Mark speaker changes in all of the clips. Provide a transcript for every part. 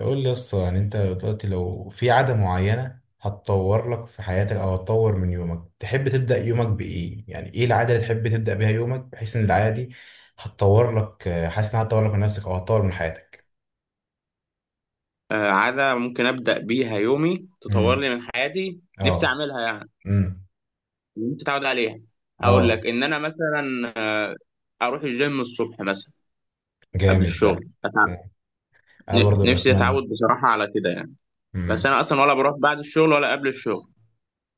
Speaker 1: قول لي يسطا، يعني انت دلوقتي لو في عادة معينة هتطور لك في حياتك او هتطور من يومك، تحب تبدأ يومك بإيه؟ يعني ايه العادة اللي تحب تبدأ بيها يومك بحيث ان العادة دي هتطور لك، حاسس انها هتطور لك من نفسك او هتطور من حياتك؟
Speaker 2: عادة ممكن أبدأ بيها يومي تطور
Speaker 1: امم.
Speaker 2: لي من حياتي. نفسي
Speaker 1: اه.
Speaker 2: أعملها يعني.
Speaker 1: امم.
Speaker 2: نفسي أتعود عليها. أقول
Speaker 1: اه.
Speaker 2: لك إن أنا مثلا أروح الجيم الصبح مثلا قبل
Speaker 1: جامد ده.
Speaker 2: الشغل أتعب.
Speaker 1: انا
Speaker 2: ن-
Speaker 1: برضه
Speaker 2: نفسي
Speaker 1: بتمنى.
Speaker 2: أتعود بصراحة على كده يعني. بس
Speaker 1: امم.
Speaker 2: أنا أصلا ولا بروح بعد الشغل ولا قبل الشغل.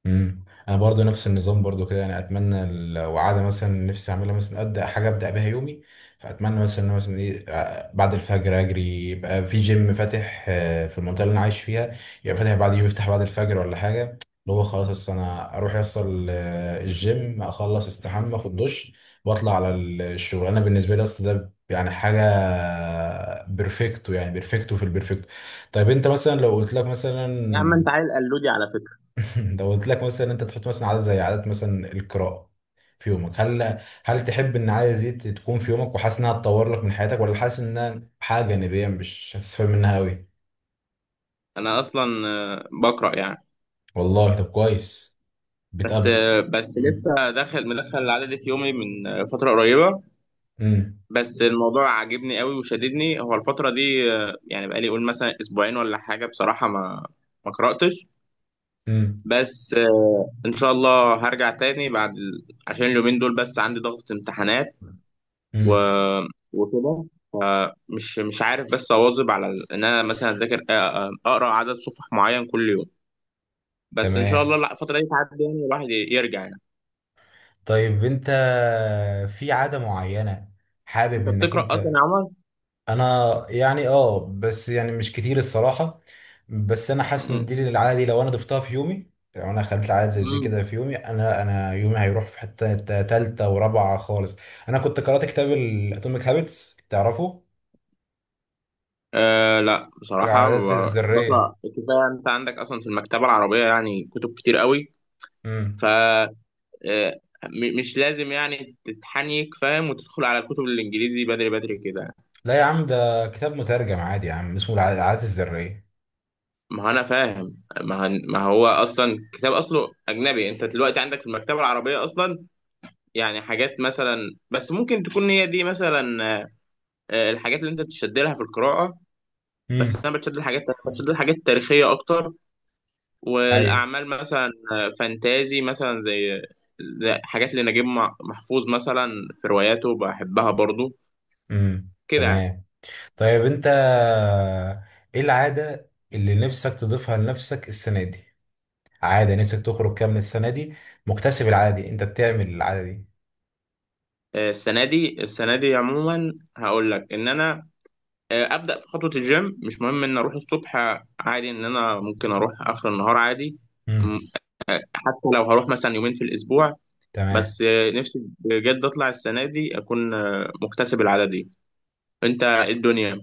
Speaker 1: امم. انا برضو نفس النظام برضو كده، يعني اتمنى لو عاده مثلا نفسي اعملها، مثلا ابدا حاجه ابدا بيها يومي. فاتمنى مثلا إن أنا مثلا ايه بعد الفجر اجري، يبقى في جيم فاتح في المنطقه اللي انا عايش فيها، يبقى فاتح بعد يوم يفتح بعد الفجر ولا حاجه، اللي هو خلاص أصل انا اروح يصل الجيم، اخلص استحمى اخد دش واطلع على الشغل. انا بالنسبه لي اصل ده يعني حاجه بيرفكتو، يعني بيرفكتو في البيرفكتو. طيب انت مثلا لو قلت لك مثلا
Speaker 2: يا عم أنت عيل قلودي على فكرة.
Speaker 1: لو قلت لك مثلا انت تحط مثلا عادة زي عادة مثلا القراءة في يومك، هل تحب ان العادة دي تكون في يومك وحاسس انها تطور لك من حياتك، ولا حاسس انها حاجة جانبية مش هتستفاد منها قوي؟
Speaker 2: أنا أصلا بقرأ يعني.
Speaker 1: والله طب كويس.
Speaker 2: بس
Speaker 1: بتقبط.
Speaker 2: آه، بس
Speaker 1: امم.
Speaker 2: لسه داخل مدخل العادة دي في يومي من فترة قريبة.
Speaker 1: امم.
Speaker 2: بس الموضوع عاجبني قوي وشددني هو الفترة دي، يعني بقالي قول مثلا اسبوعين ولا حاجة، بصراحة ما قرأتش. بس آه، ان شاء الله هرجع تاني بعد عشان اليومين دول بس عندي ضغط امتحانات و...
Speaker 1: امم.
Speaker 2: وكده. فمش مش عارف بس اواظب على ان انا مثلا اذاكر، اقرا عدد صفح معين كل يوم. بس ان شاء الله
Speaker 1: تمام.
Speaker 2: لا الفترة دي تعدي يعني الواحد يرجع يعني.
Speaker 1: طيب انت، في عادة معينة حابب
Speaker 2: انت
Speaker 1: انك
Speaker 2: بتقرأ اصلا
Speaker 1: انت؟
Speaker 2: يا عمر؟
Speaker 1: انا يعني اه، بس يعني مش كتير الصراحه. بس انا حاسس ان دي العاده دي لو انا ضفتها في يومي، لو انا خليت العاده زي دي كده
Speaker 2: امم
Speaker 1: في يومي، انا يومي هيروح في حته تالته ورابعه خالص. انا كنت قرات كتاب الاتوميك هابتس، تعرفه؟
Speaker 2: أه، لا بصراحة
Speaker 1: العادات الذريه.
Speaker 2: بقرأ كفاية. أنت عندك أصلا في المكتبة العربية يعني كتب كتير قوي.
Speaker 1: امم.
Speaker 2: ف مش لازم يعني تتحنيك فاهم وتدخل على الكتب الإنجليزي بدري بدري كده.
Speaker 1: لا يا عم، ده كتاب مترجم عادي يا عم، اسمه العادات الذريه.
Speaker 2: ما هو أنا فاهم، ما هو أصلا كتاب أصله أجنبي. أنت دلوقتي عندك في المكتبة العربية أصلا يعني حاجات، مثلا بس ممكن تكون هي دي مثلا أه، آه، الحاجات اللي أنت بتشد لها في القراءة. بس
Speaker 1: امم.
Speaker 2: أنا بتشد لحاجات تاريخية أكتر،
Speaker 1: ايوه.
Speaker 2: والاعمال مثلا فانتازي، مثلا زي حاجات لنجيب محفوظ مثلا. في رواياته بحبها برضو
Speaker 1: امم.
Speaker 2: كده يعني.
Speaker 1: تمام. طيب انت ايه العاده اللي نفسك تضيفها لنفسك السنه دي؟ عادة نفسك تخرج كام من السنة دي مكتسب العادة دي، انت بتعمل العادة دي؟
Speaker 2: السنه دي عموما هقول لك ان انا ابدا في خطوه الجيم. مش مهم ان اروح الصبح، عادي. ان انا ممكن اروح اخر النهار عادي. م-
Speaker 1: امم.
Speaker 2: حتى لو هروح مثلا يومين في الاسبوع.
Speaker 1: تمام.
Speaker 2: بس نفسي بجد اطلع السنه دي اكون مكتسب العاده دي. انت إيه الدنيا؟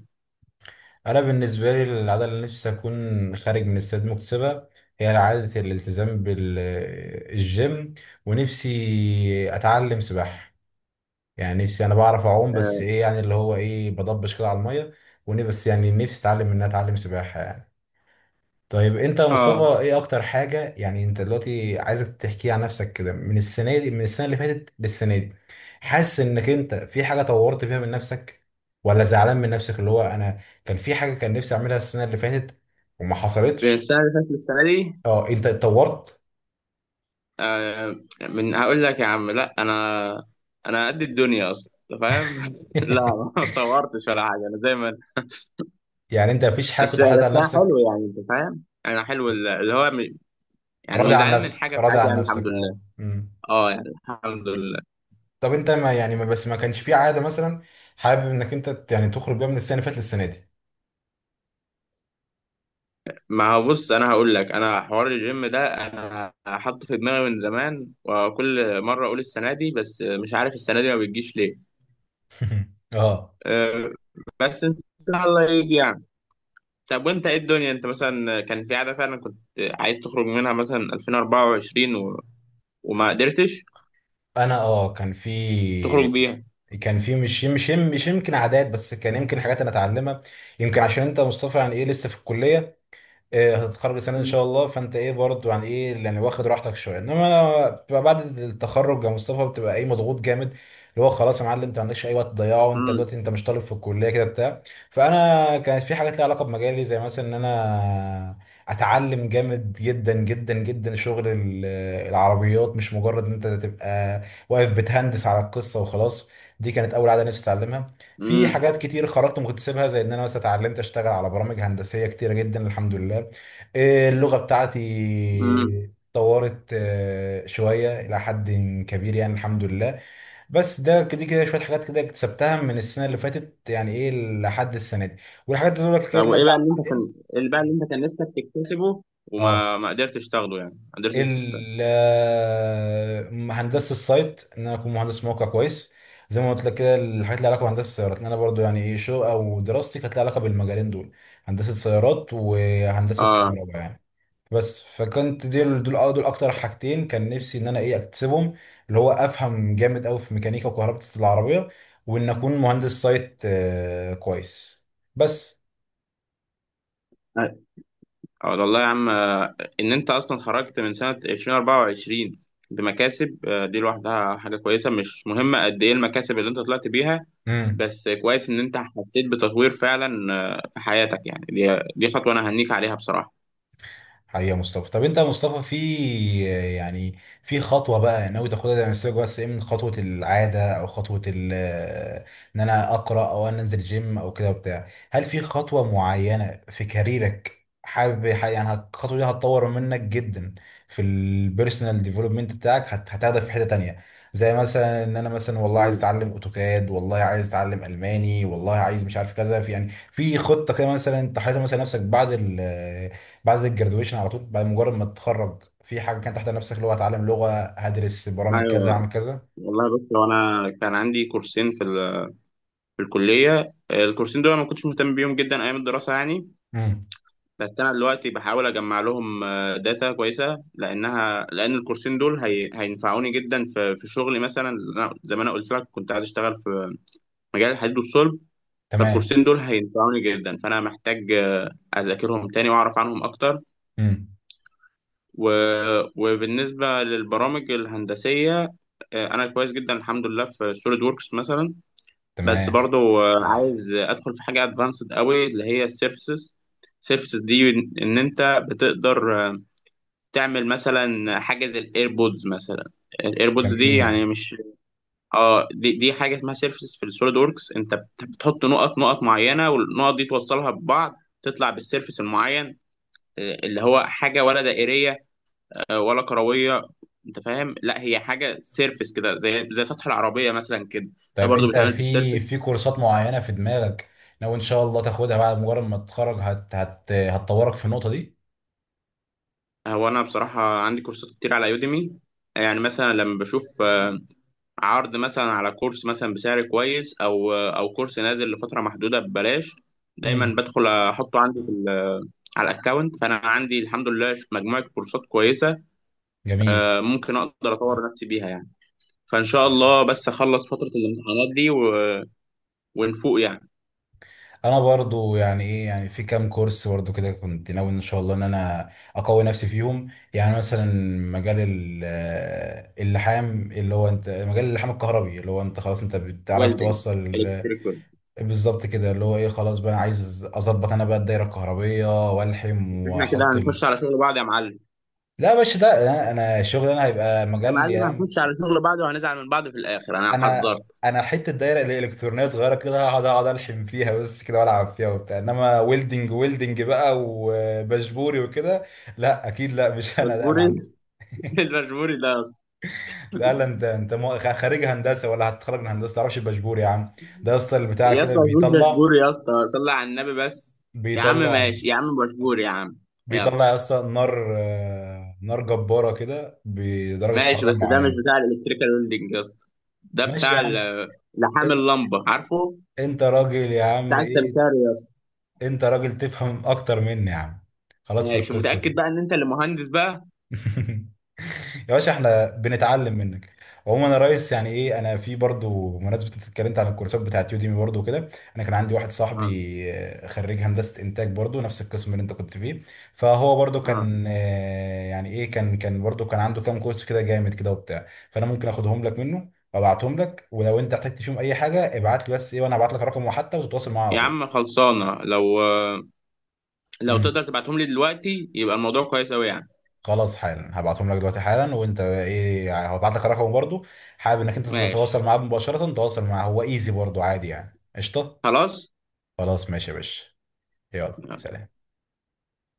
Speaker 1: انا بالنسبة لي العادة اللي نفسي اكون خارج من السنة دي مكتسبة، هي عادة الالتزام بالجيم. ونفسي اتعلم سباحة. يعني نفسي، انا بعرف اعوم بس ايه، يعني اللي هو ايه، بضبش كده على المية. ونفسي بس، يعني نفسي اتعلم ان أنا اتعلم سباحة يعني. طيب انت يا مصطفى،
Speaker 2: اه،
Speaker 1: ايه اكتر حاجة؟ يعني انت دلوقتي عايزك تحكي عن نفسك كده، من السنة دي، من السنة اللي فاتت للسنة دي، حاسس انك انت في حاجة طورت بيها من نفسك، ولا زعلان من نفسك، اللي هو انا كان في حاجة كان نفسي اعملها السنة اللي فاتت وما حصلتش؟
Speaker 2: السنه اللي فاتت، السنه دي،
Speaker 1: اه، انت اتطورت؟
Speaker 2: آه، من هقول لك يا عم، لا انا، انا قد الدنيا اصلا، انت فاهم. لا ما اتطورتش ولا حاجه، انا زي ما أنا.
Speaker 1: يعني انت مفيش حاجة
Speaker 2: بس
Speaker 1: كنت حاططها على
Speaker 2: بس انا
Speaker 1: نفسك؟
Speaker 2: حلو يعني، انت فاهم؟ انا حلو. اللي هو يعني مش
Speaker 1: راضي عن
Speaker 2: زعلان من
Speaker 1: نفسك،
Speaker 2: حاجه في
Speaker 1: راضي
Speaker 2: حياتي
Speaker 1: عن
Speaker 2: يعني، الحمد
Speaker 1: نفسك. اه.
Speaker 2: لله.
Speaker 1: امم.
Speaker 2: اه يعني الحمد لله.
Speaker 1: طب انت، ما يعني، ما بس، ما كانش في عادة مثلا حابب انك انت يعني تخرج بيها من السنة اللي فاتت للسنة دي؟
Speaker 2: ما هو بص، انا هقول لك، انا حوار الجيم ده انا حاطه في دماغي من زمان، وكل مره اقول السنه دي، بس مش عارف السنه دي ما بتجيش ليه.
Speaker 1: اه.
Speaker 2: آه، بس ان شاء الله يجي. طب وانت ايه الدنيا؟ انت مثلا كان في عادة فعلا كنت عايز تخرج منها مثلا 2024 وما قدرتش
Speaker 1: انا اه، كان في
Speaker 2: تخرج بيها.
Speaker 1: كان في مش يمكن عادات، بس كان يمكن حاجات انا اتعلمها. يمكن عشان انت يا مصطفى يعني ايه لسه في الكليه، إيه، هتتخرج السنه دي ان
Speaker 2: مم.
Speaker 1: شاء الله، فانت ايه برضه، يعني ايه يعني واخد راحتك شويه، انما انا بتبقى بعد التخرج يا مصطفى، بتبقى ايه، مضغوط جامد، اللي هو خلاص يا معلم انت ما عندكش اي وقت تضيعه، وانت
Speaker 2: امم،
Speaker 1: دلوقتي انت مش طالب في الكليه كده بتاع. فانا كانت في حاجات ليها علاقه بمجالي، زي مثلا ان انا اتعلم جامد جدا جدا جدا شغل العربيات، مش مجرد ان انت تبقى واقف بتهندس على القصه وخلاص. دي كانت اول عاده نفسي اتعلمها. في
Speaker 2: امم،
Speaker 1: حاجات كتير خرجت وما كنت سيبها، زي ان انا مثلا اتعلمت اشتغل على برامج هندسيه كتيره جدا الحمد لله. اللغه بتاعتي
Speaker 2: امم.
Speaker 1: اتطورت شويه الى حد كبير يعني الحمد لله. بس ده كده كده شويه حاجات كده اكتسبتها من السنه اللي فاتت، يعني ايه، لحد السنه دي. والحاجات دي دول كده
Speaker 2: طب وايه
Speaker 1: لازم
Speaker 2: بقى
Speaker 1: أعمل
Speaker 2: اللي انت كان،
Speaker 1: عليها.
Speaker 2: ايه اللي بقى اللي انت كان نفسك تكتسبه
Speaker 1: اه.
Speaker 2: وما ما قدرتش تاخده، يعني ما قدرتش
Speaker 1: ال-
Speaker 2: تكتسبه.
Speaker 1: آه، هندسه السايت، ان انا اكون مهندس موقع كويس، زي ما قلت لك كده، الحاجات اللي علاقه بهندسه السيارات، لأن انا برضو يعني ايه شغل او دراستي كانت لها علاقه بالمجالين دول: هندسه سيارات وهندسه
Speaker 2: اه،
Speaker 1: كهرباء يعني. بس فكنت دول اكتر حاجتين كان نفسي ان انا ايه اكتسبهم، اللي هو افهم جامد قوي في ميكانيكا وكهرباء العربيه، وان اكون مهندس سايت كويس. بس.
Speaker 2: اه، والله يا عم ان انت اصلا خرجت من سنة 2024 بمكاسب، دي لوحدها حاجة كويسة. مش مهمة قد ايه المكاسب اللي انت طلعت بيها،
Speaker 1: مم.
Speaker 2: بس كويس ان انت حسيت بتطوير فعلا في حياتك. يعني دي خطوة انا هنيك عليها بصراحة.
Speaker 1: حقيقة يا مصطفى. طب انت يا مصطفى في، يعني في خطوة بقى ناوي تاخدها زي ما سيبك بس ايه، من خطوة العادة او خطوة ان انا اقرأ او انا انزل جيم او كده وبتاع، هل في خطوة معينة في كاريرك حابب يعني الخطوة دي هتطور منك جدا في البيرسونال ديفلوبمنت بتاعك، هتاخدك في حتة تانية؟ زي مثلا ان انا مثلا والله عايز
Speaker 2: مم.
Speaker 1: اتعلم اوتوكاد، والله عايز اتعلم الماني، والله عايز مش عارف كذا، في يعني في خطة كده مثلا انت حاططها مثلا نفسك بعد، بعد الجرادويشن على طول، بعد مجرد ما تتخرج، في حاجه كانت تحت نفسك اللي هو هتعلم لغه، هدرس برامج كذا،
Speaker 2: ايوه،
Speaker 1: هعمل كذا؟
Speaker 2: والله بص، هو انا كان عندي كورسين في الكلية. الكورسين دول أنا ما كنتش مهتم بيهم جدا ايام الدراسة يعني.
Speaker 1: امم.
Speaker 2: بس انا دلوقتي بحاول اجمع لهم داتا كويسه، لان الكورسين دول هينفعوني جدا في شغلي. مثلا أنا زي ما انا قلت لك كنت عايز اشتغل في مجال الحديد والصلب،
Speaker 1: تمام.
Speaker 2: فالكورسين دول هينفعوني جدا. فانا محتاج اذاكرهم تاني واعرف عنهم اكتر
Speaker 1: امم.
Speaker 2: و... وبالنسبه للبرامج الهندسيه، انا كويس جدا الحمد لله في سوليد ووركس مثلا. بس
Speaker 1: تمام.
Speaker 2: برضو عايز ادخل في حاجه ادفانسد قوي، اللي هي سيرفيسز دي ان انت بتقدر تعمل مثلا حاجه زي الايربودز مثلا. الايربودز دي
Speaker 1: جميل.
Speaker 2: يعني مش، اه، دي حاجه اسمها سيرفيسز في السوليد وركس. انت بتحط نقط نقط معينه، والنقط دي توصلها ببعض تطلع بالسيرفيس المعين، اللي هو حاجه ولا دائريه، ولا كرويه. انت فاهم؟ لا، هي حاجه سيرفيس كده، زي سطح العربيه مثلا كده. ده
Speaker 1: طيب
Speaker 2: برضو
Speaker 1: انت
Speaker 2: بيتعمل
Speaker 1: في
Speaker 2: بالسيرفيس.
Speaker 1: في كورسات معينه في دماغك لو ان شاء الله تاخدها بعد مجرد ما تتخرج هت هت هتطورك في النقطه دي؟
Speaker 2: هو انا بصراحه عندي كورسات كتير على يوديمي، يعني مثلا لما بشوف عرض مثلا على كورس، مثلا بسعر كويس او كورس نازل لفتره محدوده ببلاش، دايما
Speaker 1: امم.
Speaker 2: بدخل احطه عندي على الاكونت. فانا عندي الحمد لله مجموعه كورسات كويسه
Speaker 1: جميل.
Speaker 2: ممكن اقدر اطور نفسي بيها يعني. فان شاء الله بس اخلص فتره الامتحانات دي ونفوق يعني.
Speaker 1: انا برضو يعني ايه، يعني في كام كورس برضو كده كنت ناوي ان شاء الله ان انا اقوي نفسي فيهم، يعني مثلا مجال اللحام، اللي هو انت مجال اللحام الكهربي، اللي هو انت خلاص انت بتعرف
Speaker 2: ويلدنج،
Speaker 1: توصل
Speaker 2: الكتريك ويلدنج.
Speaker 1: بالظبط كده، اللي هو ايه خلاص بقى انا عايز اظبط انا بقى الدايره الكهربيه والحم
Speaker 2: بس احنا كده
Speaker 1: واحط
Speaker 2: هنخش على شغل بعض يا معلم.
Speaker 1: لا يا باشا، ده انا، أنا الشغل انا هيبقى
Speaker 2: يا
Speaker 1: مجال
Speaker 2: معلم
Speaker 1: يا عم.
Speaker 2: هنخش على شغل بعض وهنزعل من بعض في الاخر، انا
Speaker 1: انا
Speaker 2: حذرت.
Speaker 1: انا حته دايره الالكترونيه صغيره كده هقعد، اقعد الحم فيها بس كده والعب فيها وبتاع، انما ويلدنج ويلدنج بقى وبشبوري وكده لا اكيد لا مش انا ده يا
Speaker 2: مجبوري.
Speaker 1: معلم.
Speaker 2: المجبوري ده،
Speaker 1: ده لا، انت انت خريج هندسه ولا هتتخرج من هندسه، تعرفش البشبوري يا عم؟ ده يا اسطى البتاع
Speaker 2: يا
Speaker 1: كده
Speaker 2: اسطى جود
Speaker 1: بيطلع،
Speaker 2: بشبور. يا اسطى صلي على النبي بس. يا عم
Speaker 1: بيطلع،
Speaker 2: ماشي يا عم، بشبور يا عم. يلا،
Speaker 1: بيطلع يا اسطى نار نار جباره كده بدرجه
Speaker 2: ماشي،
Speaker 1: حراره
Speaker 2: بس ده مش
Speaker 1: معينه.
Speaker 2: بتاع الالكتريكال ويلدنج يا اسطى. ده
Speaker 1: ماشي يا
Speaker 2: بتاع
Speaker 1: عم.
Speaker 2: لحام
Speaker 1: إن-
Speaker 2: اللمبه، عارفه،
Speaker 1: انت راجل يا عم
Speaker 2: بتاع
Speaker 1: ايه،
Speaker 2: السمكاري يا اسطى.
Speaker 1: انت راجل تفهم اكتر مني يا عم، خلاص في
Speaker 2: ماشي،
Speaker 1: القصه
Speaker 2: متأكد
Speaker 1: دي.
Speaker 2: بقى ان انت اللي مهندس بقى.
Speaker 1: يا باشا احنا بنتعلم منك. عموما يا ريس يعني ايه، انا في برضو بمناسبة انت اتكلمت عن الكورسات بتاعت يوديمي برضو وكده، انا كان عندي واحد صاحبي
Speaker 2: اه،
Speaker 1: خريج هندسة انتاج، برضو نفس القسم اللي انت كنت فيه، فهو برضو
Speaker 2: اه،
Speaker 1: كان يعني ايه كان برضو كان عنده كام كورس كده جامد كده وبتاع، فانا ممكن اخدهم لك منه، ابعتهم لك، ولو انت احتجت فيهم اي حاجة ابعت لي، بس ايه وانا هبعت لك رقمه حتى وتتواصل معاه على
Speaker 2: يا عم خلصانه، لو
Speaker 1: طول.
Speaker 2: تقدر تبعتهم لي دلوقتي يبقى الموضوع كويس قوي يعني.
Speaker 1: خلاص حالا هبعتهم لك دلوقتي حالا، وانت بقى ايه يعني هبعت لك رقمه برضو، حابب انك انت
Speaker 2: ماشي،
Speaker 1: تتواصل معاه مباشرة، تواصل معاه هو ايزي برضو عادي يعني قشطة.
Speaker 2: خلاص.
Speaker 1: خلاص ماشي يا باشا. يلا سلام.